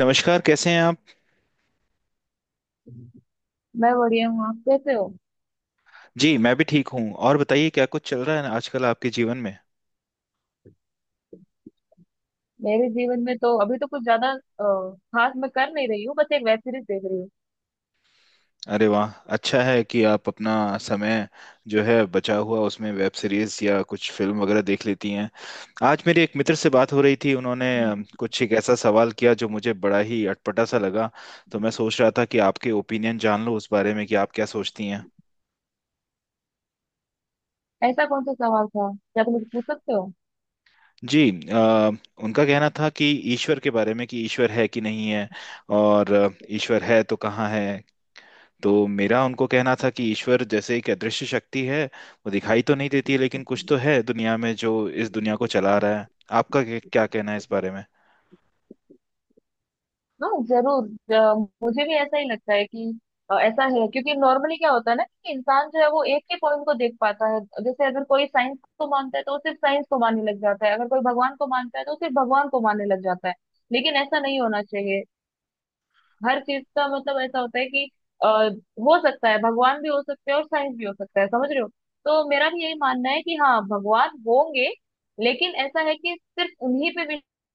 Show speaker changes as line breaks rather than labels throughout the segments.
नमस्कार, कैसे हैं आप।
मैं बढ़िया हूँ। आप कैसे हो?
जी मैं भी ठीक हूँ। और बताइए क्या कुछ चल रहा है आजकल आपके जीवन में।
मेरे जीवन में तो अभी तो कुछ ज्यादा खास मैं कर नहीं रही हूँ, बस एक वेब सीरीज देख रही
अरे वाह, अच्छा है कि आप अपना समय जो है बचा हुआ उसमें वेब सीरीज या कुछ फिल्म वगैरह देख लेती हैं। आज मेरे एक मित्र से बात हो रही थी, उन्होंने
हूँ।
कुछ एक ऐसा सवाल किया जो मुझे बड़ा ही अटपटा सा लगा। तो मैं सोच रहा था कि आपके ओपिनियन जान लूँ उस बारे में कि आप क्या सोचती हैं।
ऐसा कौन सा सवाल था? क्या तुम मुझे पूछ सकते हो?
जी। अ, उनका कहना था कि ईश्वर के बारे में, कि ईश्वर है कि नहीं है। और ईश्वर है तो कहाँ है। तो मेरा उनको कहना था कि ईश्वर जैसे एक अदृश्य शक्ति है। वो दिखाई तो नहीं देती है, लेकिन कुछ तो है दुनिया में जो इस दुनिया को चला रहा है। आपका क्या क्या कहना है इस बारे में।
हाँ जरूर। मुझे भी ऐसा ही लगता है कि ऐसा है, क्योंकि नॉर्मली क्या होता है ना कि इंसान जो है वो एक ही पॉइंट को देख पाता है। जैसे अगर कोई साइंस को मानता है तो वो सिर्फ साइंस को मानने लग जाता है, अगर कोई भगवान को मानता है तो वो सिर्फ भगवान को मानने लग जाता है। लेकिन ऐसा नहीं होना चाहिए। हर चीज का मतलब ऐसा होता है कि हो सकता है भगवान भी हो सकते हैं और साइंस भी हो सकता है, समझ रहे हो? तो मेरा भी यही मानना है कि हाँ भगवान होंगे, लेकिन ऐसा है कि सिर्फ उन्हीं पे विश्वास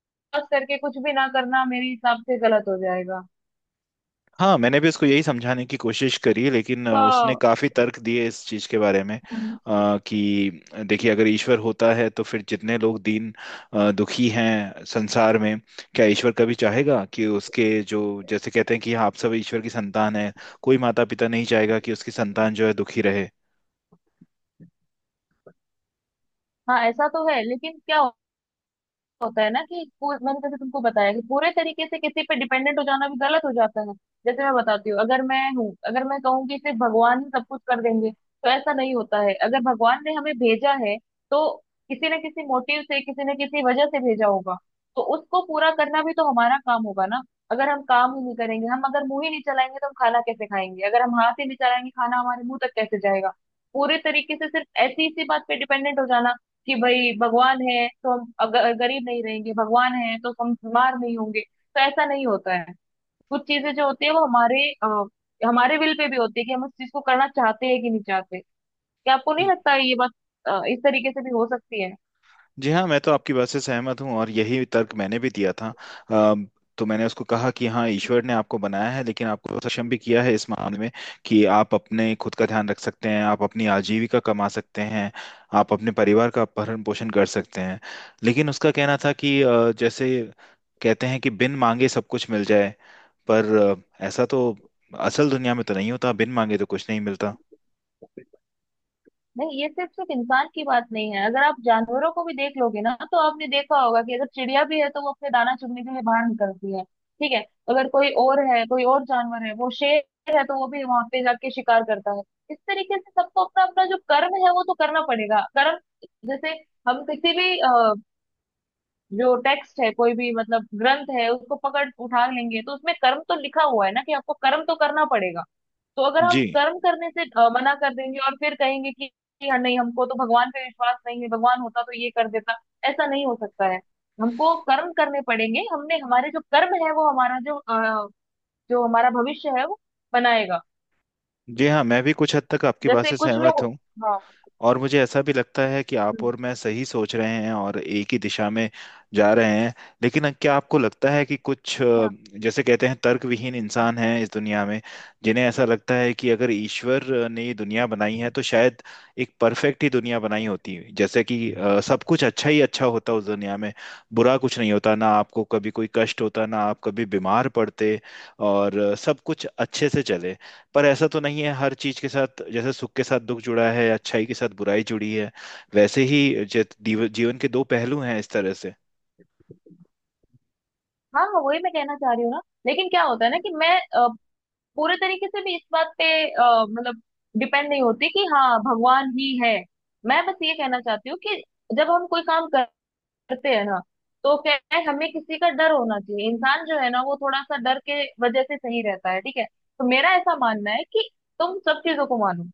करके कुछ भी ना करना मेरे हिसाब से गलत हो जाएगा।
हाँ, मैंने भी उसको यही समझाने की कोशिश करी, लेकिन उसने
तो
काफी तर्क दिए इस चीज के बारे में। कि देखिए, अगर ईश्वर होता है तो फिर जितने लोग दीन दुखी हैं संसार में, क्या ईश्वर कभी चाहेगा कि उसके जो, जैसे कहते हैं कि हाँ, आप सब ईश्वर की संतान है। कोई माता पिता नहीं चाहेगा कि उसकी संतान जो है दुखी रहे।
हाँ ऐसा तो है, लेकिन क्या होता है ना कि मैंने जैसे तुमको बताया कि पूरे तरीके से किसी पे डिपेंडेंट हो जाना भी गलत हो जाता है। जैसे मैं बताती हूँ, अगर मैं हूँ, अगर मैं कहूँ कि सिर्फ भगवान ही सब कुछ कर देंगे, तो ऐसा नहीं होता है। अगर भगवान ने हमें भेजा है तो किसी न किसी मोटिव से, किसी न किसी वजह से भेजा होगा, तो उसको पूरा करना भी तो हमारा काम होगा ना। अगर हम काम ही नहीं करेंगे, हम अगर मुंह ही नहीं चलाएंगे तो हम खाना कैसे खाएंगे, अगर हम हाथ ही नहीं चलाएंगे खाना हमारे मुंह तक कैसे जाएगा? पूरे तरीके से सिर्फ ऐसी इसी बात पे डिपेंडेंट हो जाना कि भाई भगवान है तो हम अगर गरीब नहीं रहेंगे, भगवान है तो हम बीमार नहीं होंगे, तो ऐसा नहीं होता है। कुछ चीजें जो होती है वो हमारे हमारे विल पे भी होती है कि हम उस चीज को करना चाहते हैं कि नहीं चाहते। क्या आपको नहीं लगता है ये बात इस तरीके से भी हो सकती है?
जी हाँ, मैं तो आपकी बात से सहमत हूँ और यही तर्क मैंने भी दिया था। अम, तो मैंने उसको कहा कि हाँ, ईश्वर ने आपको बनाया है, लेकिन आपको सक्षम भी किया है इस मामले में कि आप अपने खुद का ध्यान रख सकते हैं, आप अपनी आजीविका कमा सकते हैं, आप अपने परिवार का भरण पोषण कर सकते हैं। लेकिन उसका कहना था कि जैसे कहते हैं कि बिन मांगे सब कुछ मिल जाए, पर ऐसा तो असल दुनिया में तो नहीं होता, बिन मांगे तो कुछ नहीं मिलता।
नहीं, ये सिर्फ सिर्फ इंसान की बात नहीं है, अगर आप जानवरों को भी देख लोगे ना तो आपने देखा होगा कि अगर चिड़िया भी है तो वो अपने दाना चुगने के लिए बाहर निकलती है, ठीक है? अगर कोई और है, कोई और जानवर है, वो शेर है, तो वो भी वहां पे जाके शिकार करता है। इस तरीके से सबको अपना अपना जो कर्म है वो तो करना पड़ेगा। कर्म, जैसे हम किसी भी जो टेक्स्ट है, कोई भी मतलब ग्रंथ है, उसको पकड़ उठा लेंगे तो उसमें कर्म तो लिखा हुआ है ना कि आपको कर्म तो करना पड़ेगा। तो अगर हम
जी।
कर्म करने से मना कर देंगे और फिर कहेंगे कि हाँ नहीं हमको तो भगवान पे विश्वास नहीं है, भगवान होता तो ये कर देता, ऐसा नहीं हो सकता है। हमको कर्म करने पड़ेंगे, हमने हमारे जो कर्म है वो हमारा जो जो हमारा भविष्य है वो बनाएगा।
जी हाँ, मैं भी कुछ हद तक आपकी बात
जैसे
से
कुछ
सहमत
लोग।
हूँ।
हाँ।
और मुझे ऐसा भी लगता है कि आप
हम्म।
और मैं सही सोच रहे हैं और एक ही दिशा में जा रहे हैं। लेकिन क्या आपको लगता है कि कुछ
हाँ,
जैसे कहते हैं तर्कविहीन इंसान हैं इस दुनिया में, जिन्हें ऐसा लगता है कि अगर ईश्वर ने ये दुनिया बनाई है तो शायद एक परफेक्ट ही दुनिया बनाई होती। जैसे कि सब कुछ अच्छा ही अच्छा होता उस दुनिया में, बुरा कुछ नहीं होता, ना आपको कभी कोई कष्ट होता, ना आप कभी बीमार पड़ते, और सब कुछ अच्छे से चले। पर ऐसा तो नहीं है, हर चीज के साथ जैसे सुख के साथ दुख जुड़ा है, अच्छाई के साथ बुराई जुड़ी है। वैसे ही जीवन के दो पहलू हैं इस तरह से।
हाँ, हाँ, वही मैं कहना चाह रही हूँ ना, लेकिन क्या होता है ना कि मैं पूरे तरीके से भी इस बात पे मतलब डिपेंड नहीं होती कि हाँ भगवान ही है। मैं बस ये कहना चाहती हूँ कि जब हम कोई काम कर करते हैं ना, तो क्या है, हमें किसी का डर होना चाहिए। इंसान जो है ना वो थोड़ा सा डर के वजह से सही रहता है, ठीक है? तो मेरा ऐसा मानना है कि तुम सब चीजों को मानो,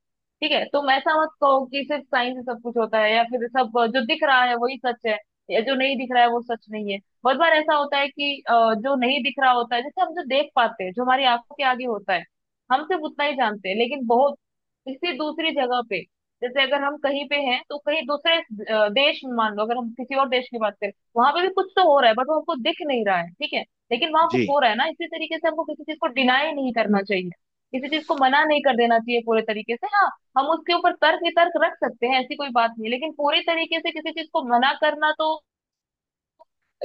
ठीक है? तुम ऐसा मत कहो कि सिर्फ साइंस से सब कुछ होता है, या फिर सब जो दिख रहा है वही सच है, या जो नहीं दिख रहा है वो सच नहीं है। बहुत बार ऐसा होता है कि जो नहीं दिख रहा होता है, जैसे हम जो देख पाते हैं, जो हमारी आंखों के आगे होता है, हम सिर्फ उतना ही जानते हैं, लेकिन बहुत किसी दूसरी जगह पे, जैसे अगर हम कहीं पे हैं तो कहीं दूसरे देश में, मान लो अगर हम किसी और देश की बात करें, वहां पे भी कुछ तो हो रहा है, बट वो हमको दिख नहीं रहा है, ठीक है? लेकिन वहां
जी।
कुछ हो रहा है ना, इसी तरीके से हमको किसी चीज को डिनाई नहीं करना चाहिए, किसी चीज को मना नहीं कर देना चाहिए पूरे तरीके से। हाँ, हम उसके ऊपर तर्क वितर्क रख सकते हैं, ऐसी कोई बात नहीं, लेकिन पूरी तरीके से किसी चीज को मना करना तो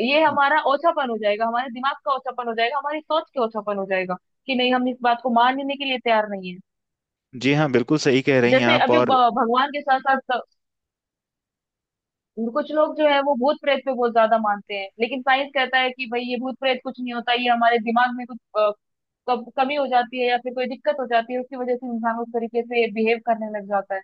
ये हमारा ओछापन हो जाएगा, हमारे दिमाग का ओछापन हो जाएगा, हमारी सोच के ओछापन हो जाएगा, कि नहीं हम इस बात को मानने के लिए तैयार नहीं है।
जी हाँ, बिल्कुल सही कह रही हैं
जैसे
आप।
अभी
और
भगवान के साथ साथ कुछ लोग जो है वो भूत प्रेत पे बहुत ज्यादा मानते हैं, लेकिन साइंस कहता है कि भाई ये भूत प्रेत कुछ नहीं होता, ये हमारे दिमाग में कुछ कमी हो जाती है या फिर कोई दिक्कत हो जाती है, उसकी वजह से इंसान उस तरीके से बिहेव करने लग जाता है।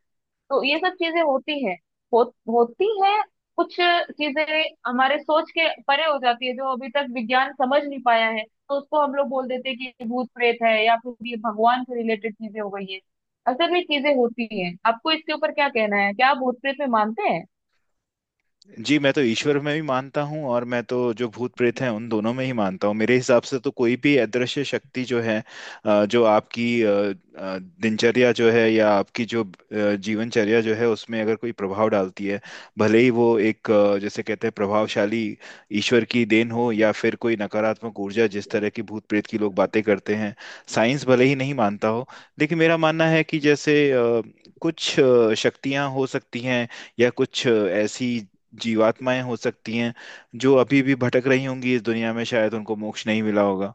तो ये सब चीजें होती है, हो, होती है कुछ चीजें हमारे सोच के परे हो जाती है, जो अभी तक विज्ञान समझ नहीं पाया है, तो उसको हम लोग बोल देते हैं कि ये भूत प्रेत है या फिर ये भगवान से रिलेटेड चीजें हो गई है। असल में चीजें होती हैं। आपको इसके ऊपर क्या कहना है? क्या आप भूत प्रेत में मानते हैं?
जी, मैं तो ईश्वर में भी मानता हूँ, और मैं तो जो भूत प्रेत हैं उन दोनों में ही मानता हूँ। मेरे हिसाब से तो कोई भी अदृश्य शक्ति जो है, जो आपकी दिनचर्या जो है, या आपकी जो जीवनचर्या जो है, उसमें अगर कोई प्रभाव डालती है, भले ही वो एक जैसे कहते हैं प्रभावशाली ईश्वर की देन हो, या फिर कोई नकारात्मक ऊर्जा जिस तरह की भूत प्रेत की लोग बातें करते हैं। साइंस भले ही नहीं मानता हो, लेकिन मेरा मानना है कि जैसे कुछ शक्तियां हो सकती हैं, या कुछ ऐसी जीवात्माएं हो सकती हैं जो अभी भी भटक रही होंगी इस दुनिया में, शायद उनको मोक्ष नहीं मिला होगा।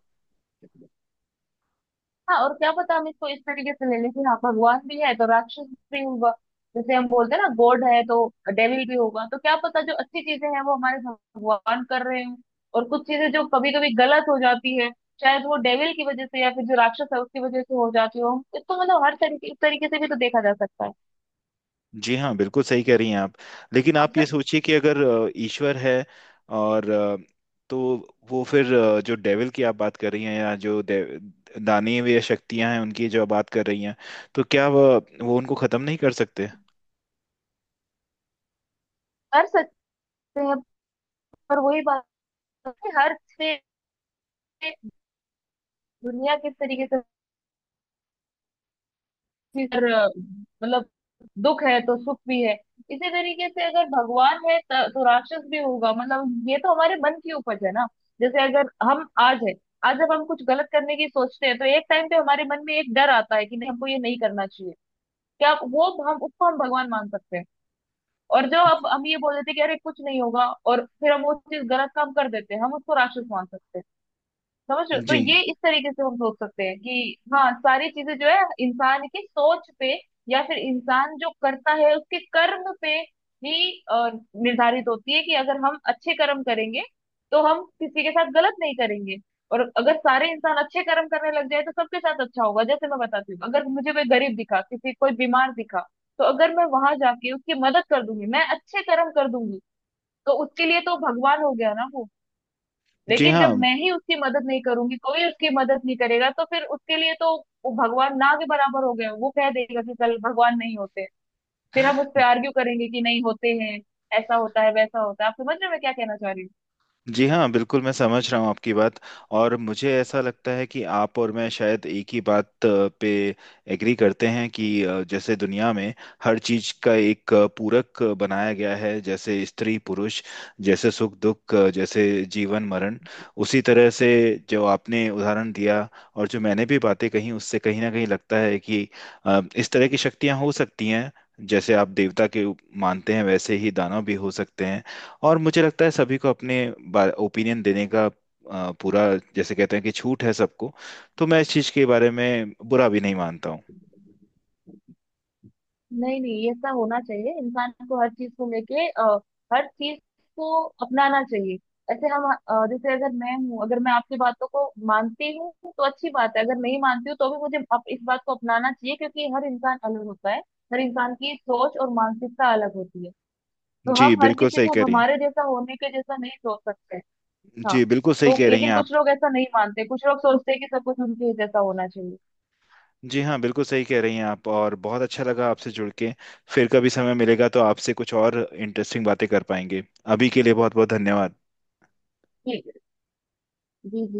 हाँ, और क्या पता, हम इसको इस तरीके से ले लें कि हाँ भगवान भी है तो राक्षस भी होगा। जैसे हम बोलते हैं ना, गॉड है तो डेविल भी होगा, तो क्या पता जो अच्छी चीजें हैं वो हमारे भगवान कर रहे हो, और कुछ चीजें जो कभी कभी गलत हो जाती है, शायद वो डेविल की वजह से या फिर जो राक्षस है उसकी वजह से हो जाती हो। इसको मतलब हर तरीके इस तरीके से भी तो देखा जा सकता है।
जी हाँ, बिल्कुल सही कह रही हैं आप। लेकिन
अब
आप
तो
ये सोचिए कि अगर ईश्वर है, और तो वो फिर जो डेविल की आप बात कर रही हैं, या जो दानवीय या शक्तियां हैं उनकी जो आप बात कर रही हैं, तो क्या वह वो उनको खत्म नहीं कर सकते।
कर सकते हैं, पर वही बात है कि हर से दुनिया किस तरीके से फिर मतलब दुख है तो सुख भी है। इसी तरीके से अगर भगवान है तो राक्षस भी होगा। मतलब ये तो हमारे मन की उपज है ना, जैसे अगर हम आज है, आज जब हम कुछ गलत करने की सोचते हैं तो एक टाइम पे हमारे मन में एक डर आता है कि नहीं हमको ये नहीं करना चाहिए, क्या वो हम उसको हम भगवान मान सकते हैं? और जो अब हम ये बोल देते हैं कि अरे कुछ नहीं होगा और फिर हम वो चीज गलत काम कर देते हैं, हम उसको राक्षस मान सकते हैं, समझ रहे हो? तो
जी।
ये इस तरीके से हम सोच सकते हैं कि हाँ सारी चीजें जो है इंसान की सोच पे, या फिर इंसान जो करता है उसके कर्म पे ही निर्धारित होती है, कि अगर हम अच्छे कर्म करेंगे तो हम किसी के साथ गलत नहीं करेंगे, और अगर सारे इंसान अच्छे कर्म करने लग जाए तो सबके साथ अच्छा होगा। जैसे मैं बताती हूँ, अगर मुझे कोई गरीब दिखा, किसी कोई बीमार दिखा, तो अगर मैं वहां जाके उसकी मदद कर दूंगी, मैं अच्छे कर्म कर दूंगी, तो उसके लिए तो भगवान हो गया ना वो।
जी
लेकिन जब
हाँ।
मैं ही उसकी मदद नहीं करूंगी, कोई उसकी मदद नहीं करेगा, तो फिर उसके लिए तो वो भगवान ना के बराबर हो गए, वो कह देगा कि कल भगवान नहीं होते। फिर हम उस पे आर्ग्यू करेंगे कि नहीं होते हैं, ऐसा होता है, वैसा होता है। आप समझ रहे हैं मैं क्या कहना चाह रही हूँ?
जी हाँ, बिल्कुल मैं समझ रहा हूँ आपकी बात। और मुझे ऐसा लगता है कि आप और मैं शायद एक ही बात पे एग्री करते हैं कि जैसे दुनिया में हर चीज का एक पूरक बनाया गया है। जैसे स्त्री पुरुष, जैसे सुख दुख, जैसे जीवन मरण। उसी तरह से जो आपने उदाहरण दिया और जो मैंने भी बातें कही, उससे कहीं ना कहीं लगता है कि इस तरह की शक्तियाँ हो सकती हैं। जैसे आप देवता के मानते हैं, वैसे ही दानव भी हो सकते हैं। और मुझे लगता है सभी को अपने ओपिनियन देने का पूरा, जैसे कहते हैं कि छूट है सबको। तो मैं इस चीज़ के बारे में बुरा भी नहीं मानता हूँ।
नहीं नहीं, ये सब होना चाहिए। इंसान को हर चीज को लेके हर चीज को अपनाना चाहिए। ऐसे हम जैसे अगर मैं हूँ, अगर मैं आपकी बातों को मानती हूँ तो अच्छी बात है, अगर नहीं मानती हूँ तो भी मुझे इस बात को अपनाना चाहिए, क्योंकि हर इंसान अलग होता है, हर इंसान की सोच और मानसिकता अलग होती है। तो
जी,
हम हर
बिल्कुल
किसी
सही
को
कह रही
हमारे जैसा होने के जैसा नहीं सोच सकते।
हैं।
हाँ,
जी बिल्कुल सही
तो
कह रही हैं
लेकिन
आप।
कुछ लोग ऐसा नहीं मानते, कुछ लोग सोचते हैं कि सब कुछ उनके जैसा होना चाहिए।
जी हाँ, बिल्कुल सही कह रही हैं आप। और बहुत अच्छा लगा आपसे जुड़ के। फिर कभी समय मिलेगा तो आपसे कुछ और इंटरेस्टिंग बातें कर पाएंगे। अभी के लिए बहुत बहुत धन्यवाद।
ठीक है। जी, जी।